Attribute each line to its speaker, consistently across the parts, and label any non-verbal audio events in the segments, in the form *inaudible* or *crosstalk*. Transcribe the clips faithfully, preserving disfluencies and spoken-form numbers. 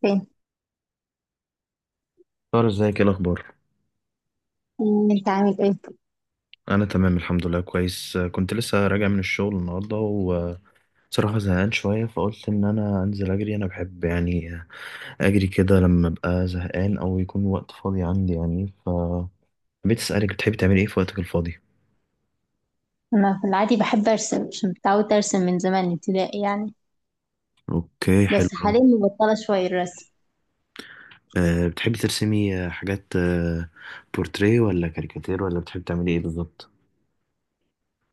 Speaker 1: فين.
Speaker 2: طار، ازيك؟ ايه الاخبار؟
Speaker 1: مم، انت عامل ايه؟
Speaker 2: انا تمام الحمد لله كويس. آه، كنت لسه راجع من الشغل النهارده، وصراحه زهقان شويه فقلت ان انا انزل اجري. انا بحب يعني اجري كده لما ابقى زهقان او يكون وقت فاضي عندي، يعني ف حبيت اسالك، بتحبي تعملي ايه في وقتك الفاضي؟
Speaker 1: انا في العادي بحب ارسم عشان متعودة ارسم من زمان ابتدائي يعني.
Speaker 2: اوكي، حلو
Speaker 1: بس
Speaker 2: أوي.
Speaker 1: حاليا مبطلة شوية الرسم.
Speaker 2: أه، بتحبي ترسمي آه، حاجات، أه بورتريه ولا كاريكاتير، ولا بتحبي تعملي ايه بالظبط؟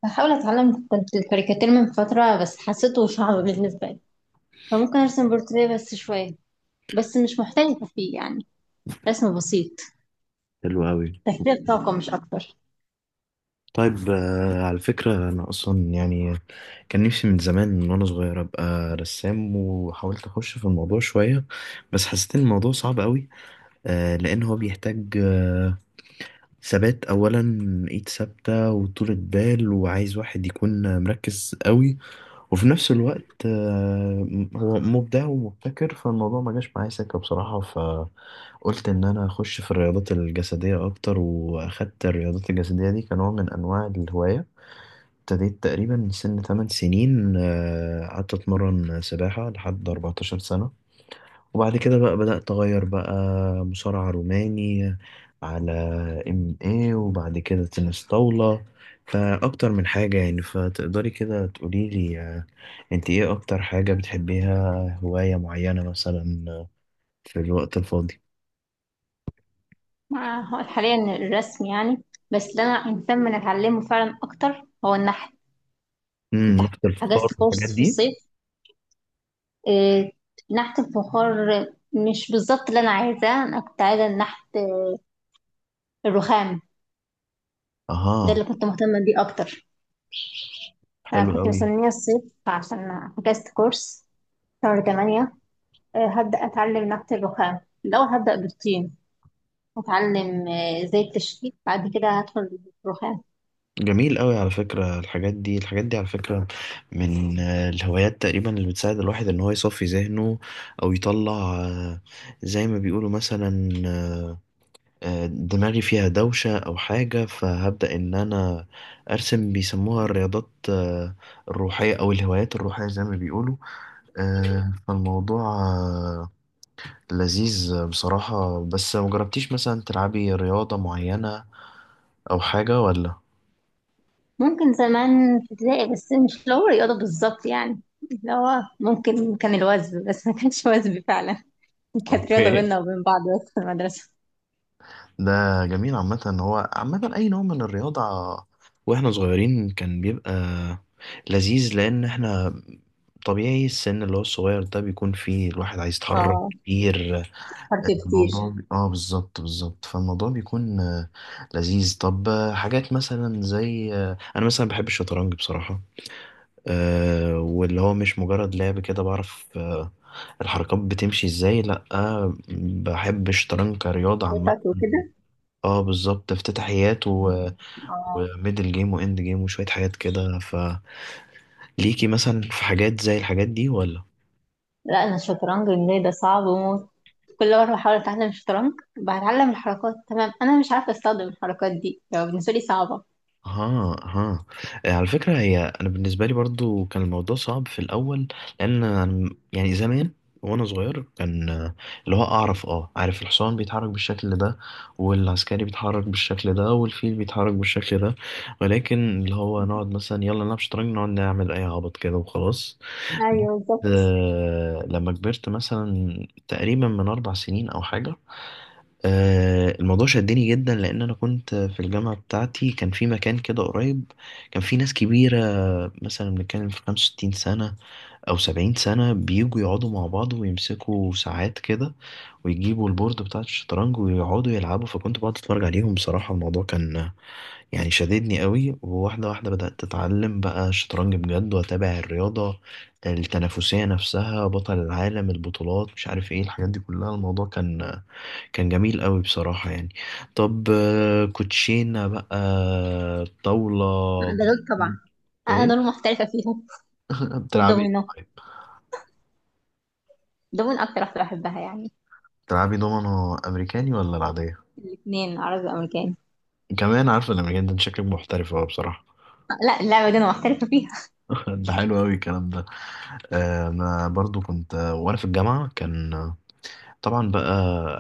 Speaker 1: بحاول اتعلم كنت الكاريكاتير من فترة بس حسيته صعب بالنسبة لي، فممكن ارسم بورتريه بس شوية. بس مش محترفة فيه يعني، رسم بسيط،
Speaker 2: حلو قوي.
Speaker 1: تفريغ طاقة مش اكتر.
Speaker 2: طيب. آه، على فكرة، أنا أصلا يعني كان نفسي من زمان، من وأنا صغير أبقى رسام، وحاولت أخش في الموضوع شوية، بس حسيت إن الموضوع صعب أوي. آه، لأن هو بيحتاج آه، ثبات أولا، إيد ثابتة وطولة بال، وعايز واحد يكون مركز أوي، وفي نفس الوقت آه، هو مبدع ومبتكر. فالموضوع ما جاش معايا سكة بصراحة، فقلت إن أنا أخش في الرياضات الجسدية أكتر، وأخدت الرياضات الجسدية دي كنوع من أنواع الهواية. ابتديت تقريبا سن تمن سنين، آه، قعدت اتمرن سباحة لحد أربعة عشر سنة. وبعد كده بقى بدأت اغير بقى، مصارعة روماني، على ام اي، وبعد كده تنس طاولة، فاكتر من حاجة يعني. فتقدري كده تقولي لي، آه، انت ايه اكتر حاجة بتحبيها؟ هواية معينة مثلا، آه، في الوقت الفاضي؟
Speaker 1: مع هو حاليا الرسم يعني، بس اللي انا مهتمة ان اتعلمه فعلا اكتر هو النحت.
Speaker 2: امم
Speaker 1: كنت
Speaker 2: نفط الفخار
Speaker 1: حجزت
Speaker 2: والحاجات
Speaker 1: كورس في
Speaker 2: دي؟
Speaker 1: الصيف، آه، نحت الفخار. مش بالظبط اللي انا عايزاه، انا كنت عايزه نحت آه، الرخام. ده
Speaker 2: اها،
Speaker 1: اللي كنت مهتمه بيه اكتر. انا
Speaker 2: حلو
Speaker 1: كنت
Speaker 2: قوي.
Speaker 1: مستنيه الصيف عشان فكست كورس شهر تمانية. آه، هبدا اتعلم نحت الرخام، لو هبدا بالطين اتعلم آه، ازاي التشكيل، بعد كده هدخل الرخام.
Speaker 2: جميل قوي. على فكرة الحاجات دي الحاجات دي، على فكرة، من آه، الهوايات تقريبا اللي بتساعد الواحد ان هو يصفي ذهنه، او يطلع آه، زي ما بيقولوا مثلا، آه، آه، دماغي فيها دوشة او حاجة فهبدأ ان انا ارسم. بيسموها الرياضات آه، الروحية، او الهوايات الروحية زي ما بيقولوا. آه، فالموضوع آه، لذيذ بصراحة. بس مجربتيش مثلا تلعبي رياضة معينة او حاجة ولا؟
Speaker 1: ممكن زمان في ابتدائي، بس مش اللي هو رياضه بالظبط يعني، اللي هو ممكن كان الوزن بس ما كانش وزن فعلا. *laughs*
Speaker 2: *laughs*
Speaker 1: كانت رياضه
Speaker 2: اوكي.
Speaker 1: بيننا وبين بعض بس في المدرسه.
Speaker 2: ده جميل عامة. هو عامة أي نوع من الرياضة وإحنا صغيرين كان بيبقى لذيذ، لأن إحنا طبيعي السن اللي هو الصغير ده بيكون فيه الواحد عايز يتحرك
Speaker 1: اه،
Speaker 2: كتير.
Speaker 1: حرف كتير.
Speaker 2: الموضوع بي... آه بالظبط بالظبط. فالموضوع بيكون آه، لذيذ. طب آه، حاجات مثلا زي آه، أنا مثلا بحب الشطرنج بصراحة. آه، واللي هو مش مجرد لعب كده بعرف آه، الحركات بتمشي إزاي، لأ، آه، بحب الشطرنج كرياضة عامة.
Speaker 1: خطط وكده.
Speaker 2: اه بالظبط، افتتاحيات و...
Speaker 1: اه.
Speaker 2: وميدل جيم واند جيم وشوية حاجات كده. فليكي مثلا في حاجات زي الحاجات دي ولا؟
Speaker 1: لا، انا الشطرنج بالنسبه لي ده صعب وموت. كل مره بحاول اتعلم الشطرنج، بتعلم الحركات تمام، انا مش عارفه استخدم الحركات دي، لو بالنسبه لي صعبه.
Speaker 2: ها ها. آه، على فكرة، هي أنا بالنسبة لي برضو كان الموضوع صعب في الأول، لأن أنا- يعني زمان وأنا صغير كان آه، اللي هو أعرف أه عارف الحصان بيتحرك بالشكل ده، والعسكري بيتحرك بالشكل ده، والفيل بيتحرك بالشكل ده، ولكن اللي هو نقعد مثلا يلا نلعب شطرنج، نقعد نعمل أي عبط كده وخلاص.
Speaker 1: ايوه بالظبط.
Speaker 2: آه، لما كبرت مثلا تقريبا من أربع سنين أو حاجة، آه، الموضوع شدني جدا، لأن أنا كنت في الجامعة بتاعتي، كان في مكان كده قريب، كان في ناس كبيرة، مثلا بنتكلم في خمسة وستين سنة أو سبعين سنة، بيجوا يقعدوا مع بعض ويمسكوا ساعات كده، ويجيبوا البورد بتاع الشطرنج ويقعدوا يلعبوا. فكنت بقعد أتفرج عليهم بصراحة، الموضوع كان يعني شددني قوي. وواحدة واحدة بدأت أتعلم بقى الشطرنج بجد، وأتابع الرياضة التنافسية نفسها، بطل العالم، البطولات، مش عارف إيه، الحاجات دي كلها. الموضوع كان كان جميل قوي بصراحة يعني. طب آه، كوتشينة بقى، طاولة،
Speaker 1: ده دول طبعا،
Speaker 2: دومينو.
Speaker 1: انا
Speaker 2: إيه؟
Speaker 1: دول محترفه فيهم.
Speaker 2: بتلعبي إيه
Speaker 1: دومينو.
Speaker 2: طيب؟
Speaker 1: دومينو اكتر واحده بحبها يعني.
Speaker 2: بتلعبي دومينو أمريكاني ولا العادية؟
Speaker 1: الاثنين، عربي وامريكاني.
Speaker 2: كمان عارفة الأمريكان ده، أنت شكلك محترف أوي بصراحة.
Speaker 1: لا، اللعبه دي انا محترفه فيها.
Speaker 2: *laughs* ده حلو أوي الكلام ده. آه، أنا برضو كنت آه، وأنا في الجامعة، كان طبعا بقى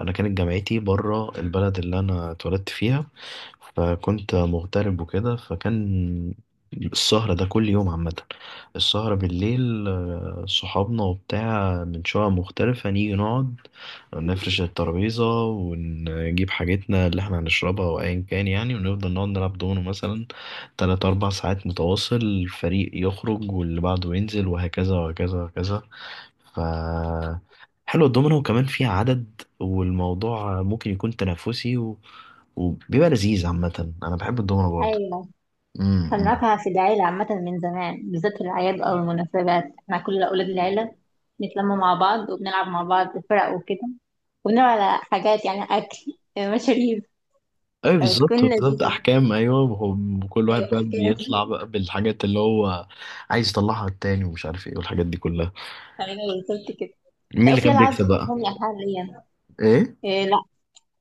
Speaker 2: انا كانت جامعتي بره البلد اللي انا اتولدت فيها، فكنت مغترب وكده، فكان السهرة ده كل يوم عامة. السهرة بالليل، آه، صحابنا وبتاع من شقق مختلفة نيجي نقعد نفرش الترابيزة، ونجيب حاجتنا اللي احنا هنشربها وأيا كان يعني، ونفضل نقعد نلعب دومينو مثلا تلات أربع ساعات متواصل، الفريق يخرج واللي بعده ينزل وهكذا وهكذا وهكذا. ف حلو الدومينو، وكمان فيها عدد، والموضوع ممكن يكون تنافسي و... وبيبقى لذيذ عامة. أنا بحب الدومينو برضه.
Speaker 1: ايوه.
Speaker 2: امم
Speaker 1: خلناها في العيلة عامة من زمان، بالذات في الأعياد أو المناسبات احنا كل أولاد العيلة بنتلم مع بعض وبنلعب مع بعض فرق وكده. وبنلعب على حاجات يعني، أكل، مشاريب.
Speaker 2: أيوة بالظبط
Speaker 1: بتكون
Speaker 2: بالظبط،
Speaker 1: لذيذة.
Speaker 2: أحكام، أيوة. وهم- وكل واحد
Speaker 1: أيوة،
Speaker 2: بقى
Speaker 1: أحكام.
Speaker 2: بيطلع بقى بالحاجات اللي هو عايز يطلعها على التاني، ومش عارف إيه والحاجات دي كلها.
Speaker 1: أيوة بالظبط كده.
Speaker 2: مين
Speaker 1: لا،
Speaker 2: اللي
Speaker 1: في
Speaker 2: كان
Speaker 1: ألعاب
Speaker 2: بيكسب بقى؟
Speaker 1: بتفهمني حاليا.
Speaker 2: إيه؟
Speaker 1: إيه؟ لا.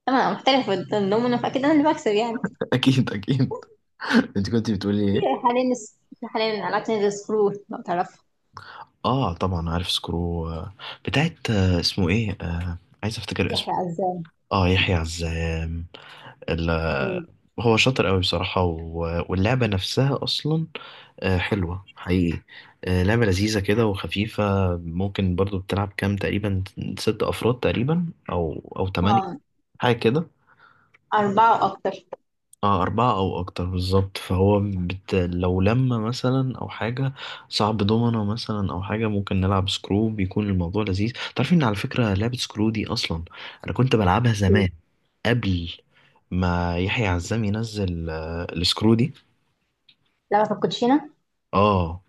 Speaker 1: أنا محترفة الدومينو فأكيد أنا اللي بكسب يعني.
Speaker 2: *laughs* أكيد أكيد. أنت كنت بتقولي إيه؟
Speaker 1: في حاليا، في حاليا ألعاب تانية زي سكرو لو تعرفها.
Speaker 2: آه طبعا عارف سكرو. آه، بتاعت آه، اسمه إيه؟ آه، عايز أفتكر اسمه.
Speaker 1: يحيى عزام.
Speaker 2: آه، يحيى عزام. ال-
Speaker 1: إيه،.
Speaker 2: هو شاطر قوي بصراحة، و- واللعبة نفسها أصلا آه، حلوة حقيقي، آه، لعبة لذيذة كده وخفيفة. ممكن برضو بتلعب كام تقريبا؟ ست أفراد تقريبا أو أو تمانية،
Speaker 1: آه،
Speaker 2: حاجة كده.
Speaker 1: أربعة وأكتر.
Speaker 2: اه أربعة أو أكتر بالظبط. فهو بت... لو لما مثلا أو حاجة صعب دومنا مثلا أو حاجة، ممكن نلعب سكرو، بيكون الموضوع لذيذ. تعرف إن، على فكرة، لعبة سكرو دي أصلا أنا كنت بلعبها زمان، قبل ما يحيى عزام ينزل آه، السكرو دي.
Speaker 1: لعبة الكوتشينة.
Speaker 2: اه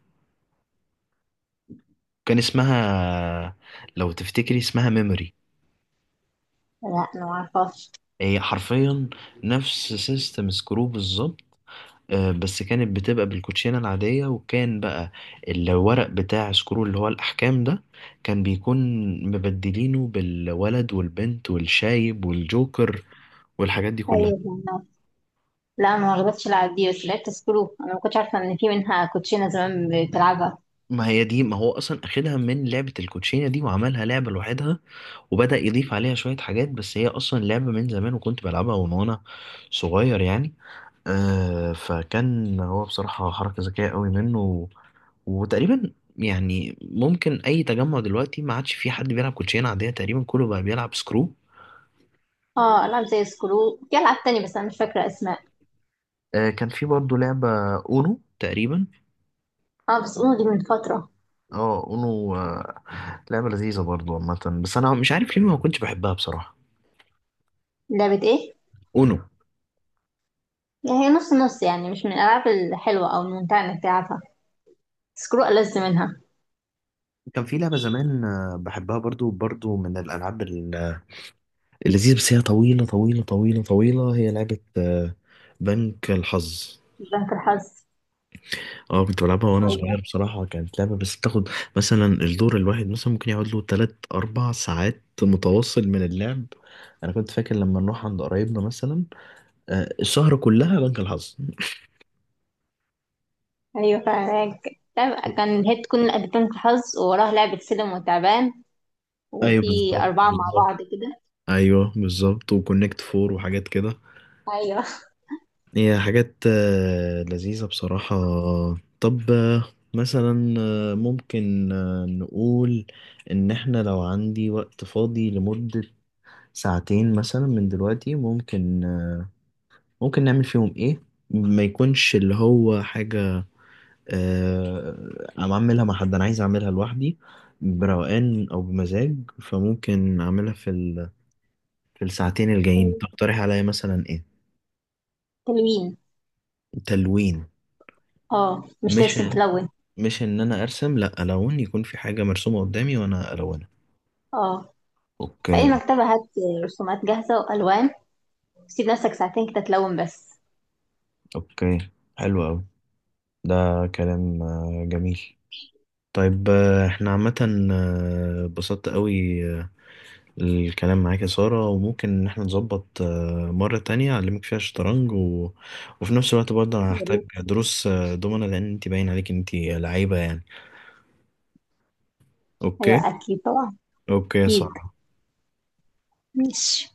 Speaker 2: كان اسمها، لو تفتكري اسمها، ميموري.
Speaker 1: لا أنا معرفهاش.
Speaker 2: هي حرفيا نفس سيستم سكرو بالظبط. آه، بس كانت بتبقى بالكوتشينة العادية، وكان بقى الورق بتاع سكرو اللي هو الأحكام ده كان بيكون مبدلينه بالولد والبنت والشايب والجوكر والحاجات دي كلها.
Speaker 1: أيوة. لا ما غلطتش العب دي، بس لعبت سكرو، انا ما كنتش عارفه ان في منها كوتشينه زمان بتلعبها.
Speaker 2: ما هي دي، ما هو أصلا أخدها من لعبة الكوتشينة دي وعملها لعبة لوحدها، وبدأ يضيف عليها شوية حاجات، بس هي أصلا لعبة من زمان، وكنت بلعبها وأنا وأنا صغير يعني. آه فكان هو بصراحة حركة ذكية قوي منه، و- وتقريبا يعني ممكن أي تجمع دلوقتي ما عادش فيه حد بيلعب كوتشينة عادية تقريبا، كله بقى بيلعب سكرو.
Speaker 1: اه، العاب زي سكرو، في العاب تانية بس انا مش فاكره اسماء.
Speaker 2: آه كان في برضه لعبة أونو تقريبا.
Speaker 1: اه، بس اونو دي من فتره.
Speaker 2: اه أونو. آه لعبة لذيذة برضه عامة، بس أنا مش عارف ليه ما كنتش بحبها بصراحة.
Speaker 1: لعبه ايه؟
Speaker 2: أونو.
Speaker 1: يعني هي نص نص يعني، مش من الالعاب الحلوه او الممتعه انك تلعبها، سكرو ألذ منها.
Speaker 2: كان في لعبة زمان آه، بحبها، برضو برضو من الألعاب ال- اللذيذة، بس هي طويلة طويلة طويلة طويلة. هي لعبة آه، بنك الحظ.
Speaker 1: بنك الحظ.
Speaker 2: اه كنت بلعبها وانا
Speaker 1: ايوه،
Speaker 2: صغير بصراحة، كانت لعبة بس بتاخد مثلا الدور الواحد مثلا ممكن يقعد له تلات أربع ساعات متواصل من اللعب. أنا كنت فاكر لما نروح عند قرايبنا مثلا، آه، السهرة كلها بنك الحظ.
Speaker 1: ايوه فعلا. لعبة- كان هي تكون بنك الحظ ووراها لعبه سلم وتعبان،
Speaker 2: أيوه
Speaker 1: وفي
Speaker 2: بالظبط
Speaker 1: اربعه مع
Speaker 2: بالظبط.
Speaker 1: بعض كده.
Speaker 2: أيوه بالظبط، وكونكت فور وحاجات كده.
Speaker 1: ايوه.
Speaker 2: هي حاجات آه، لذيذة بصراحة. طب آه، مثلا آه، ممكن آه، نقول إن إحنا لو عندي وقت فاضي لمدة ساعتين مثلا من دلوقتي، ممكن ممكن نعمل فيهم ايه؟ ما يكونش اللي هو حاجة آه، انا اعملها مع حد، انا عايز اعملها لوحدي بروقان او بمزاج، فممكن اعملها في ال... في الساعتين الجايين.
Speaker 1: *laughs*
Speaker 2: تقترح عليا مثلا ايه؟
Speaker 1: تلوين.
Speaker 2: تلوين.
Speaker 1: اه، مش
Speaker 2: مش
Speaker 1: ترسم، تلون.
Speaker 2: مش ان انا ارسم، لا، الون، يكون في حاجة مرسومة قدامي وانا الونها.
Speaker 1: اه. فأي
Speaker 2: اوكي.
Speaker 1: مكتبة هات رسومات جاهزة وألوان، سيب نفسك ساعتين كده تلون بس.
Speaker 2: اوكي، حلو قوي. ده كلام آه، جميل. طيب آه، احنا عامة آه، اتبسطت قوي الكلام معاك يا سارة، وممكن إن احنا نظبط آه، مرة تانية أعلمك فيها شطرنج و... وفي نفس الوقت برضه أنا
Speaker 1: يا
Speaker 2: هحتاج
Speaker 1: ريت.
Speaker 2: دروس آه، دومنة، لأن أنت باين عليك أنت لعيبة يعني. أوكي.
Speaker 1: أيوة أكيد طبعا.
Speaker 2: أوكي يا
Speaker 1: أكيد.
Speaker 2: سارة.
Speaker 1: ماشي.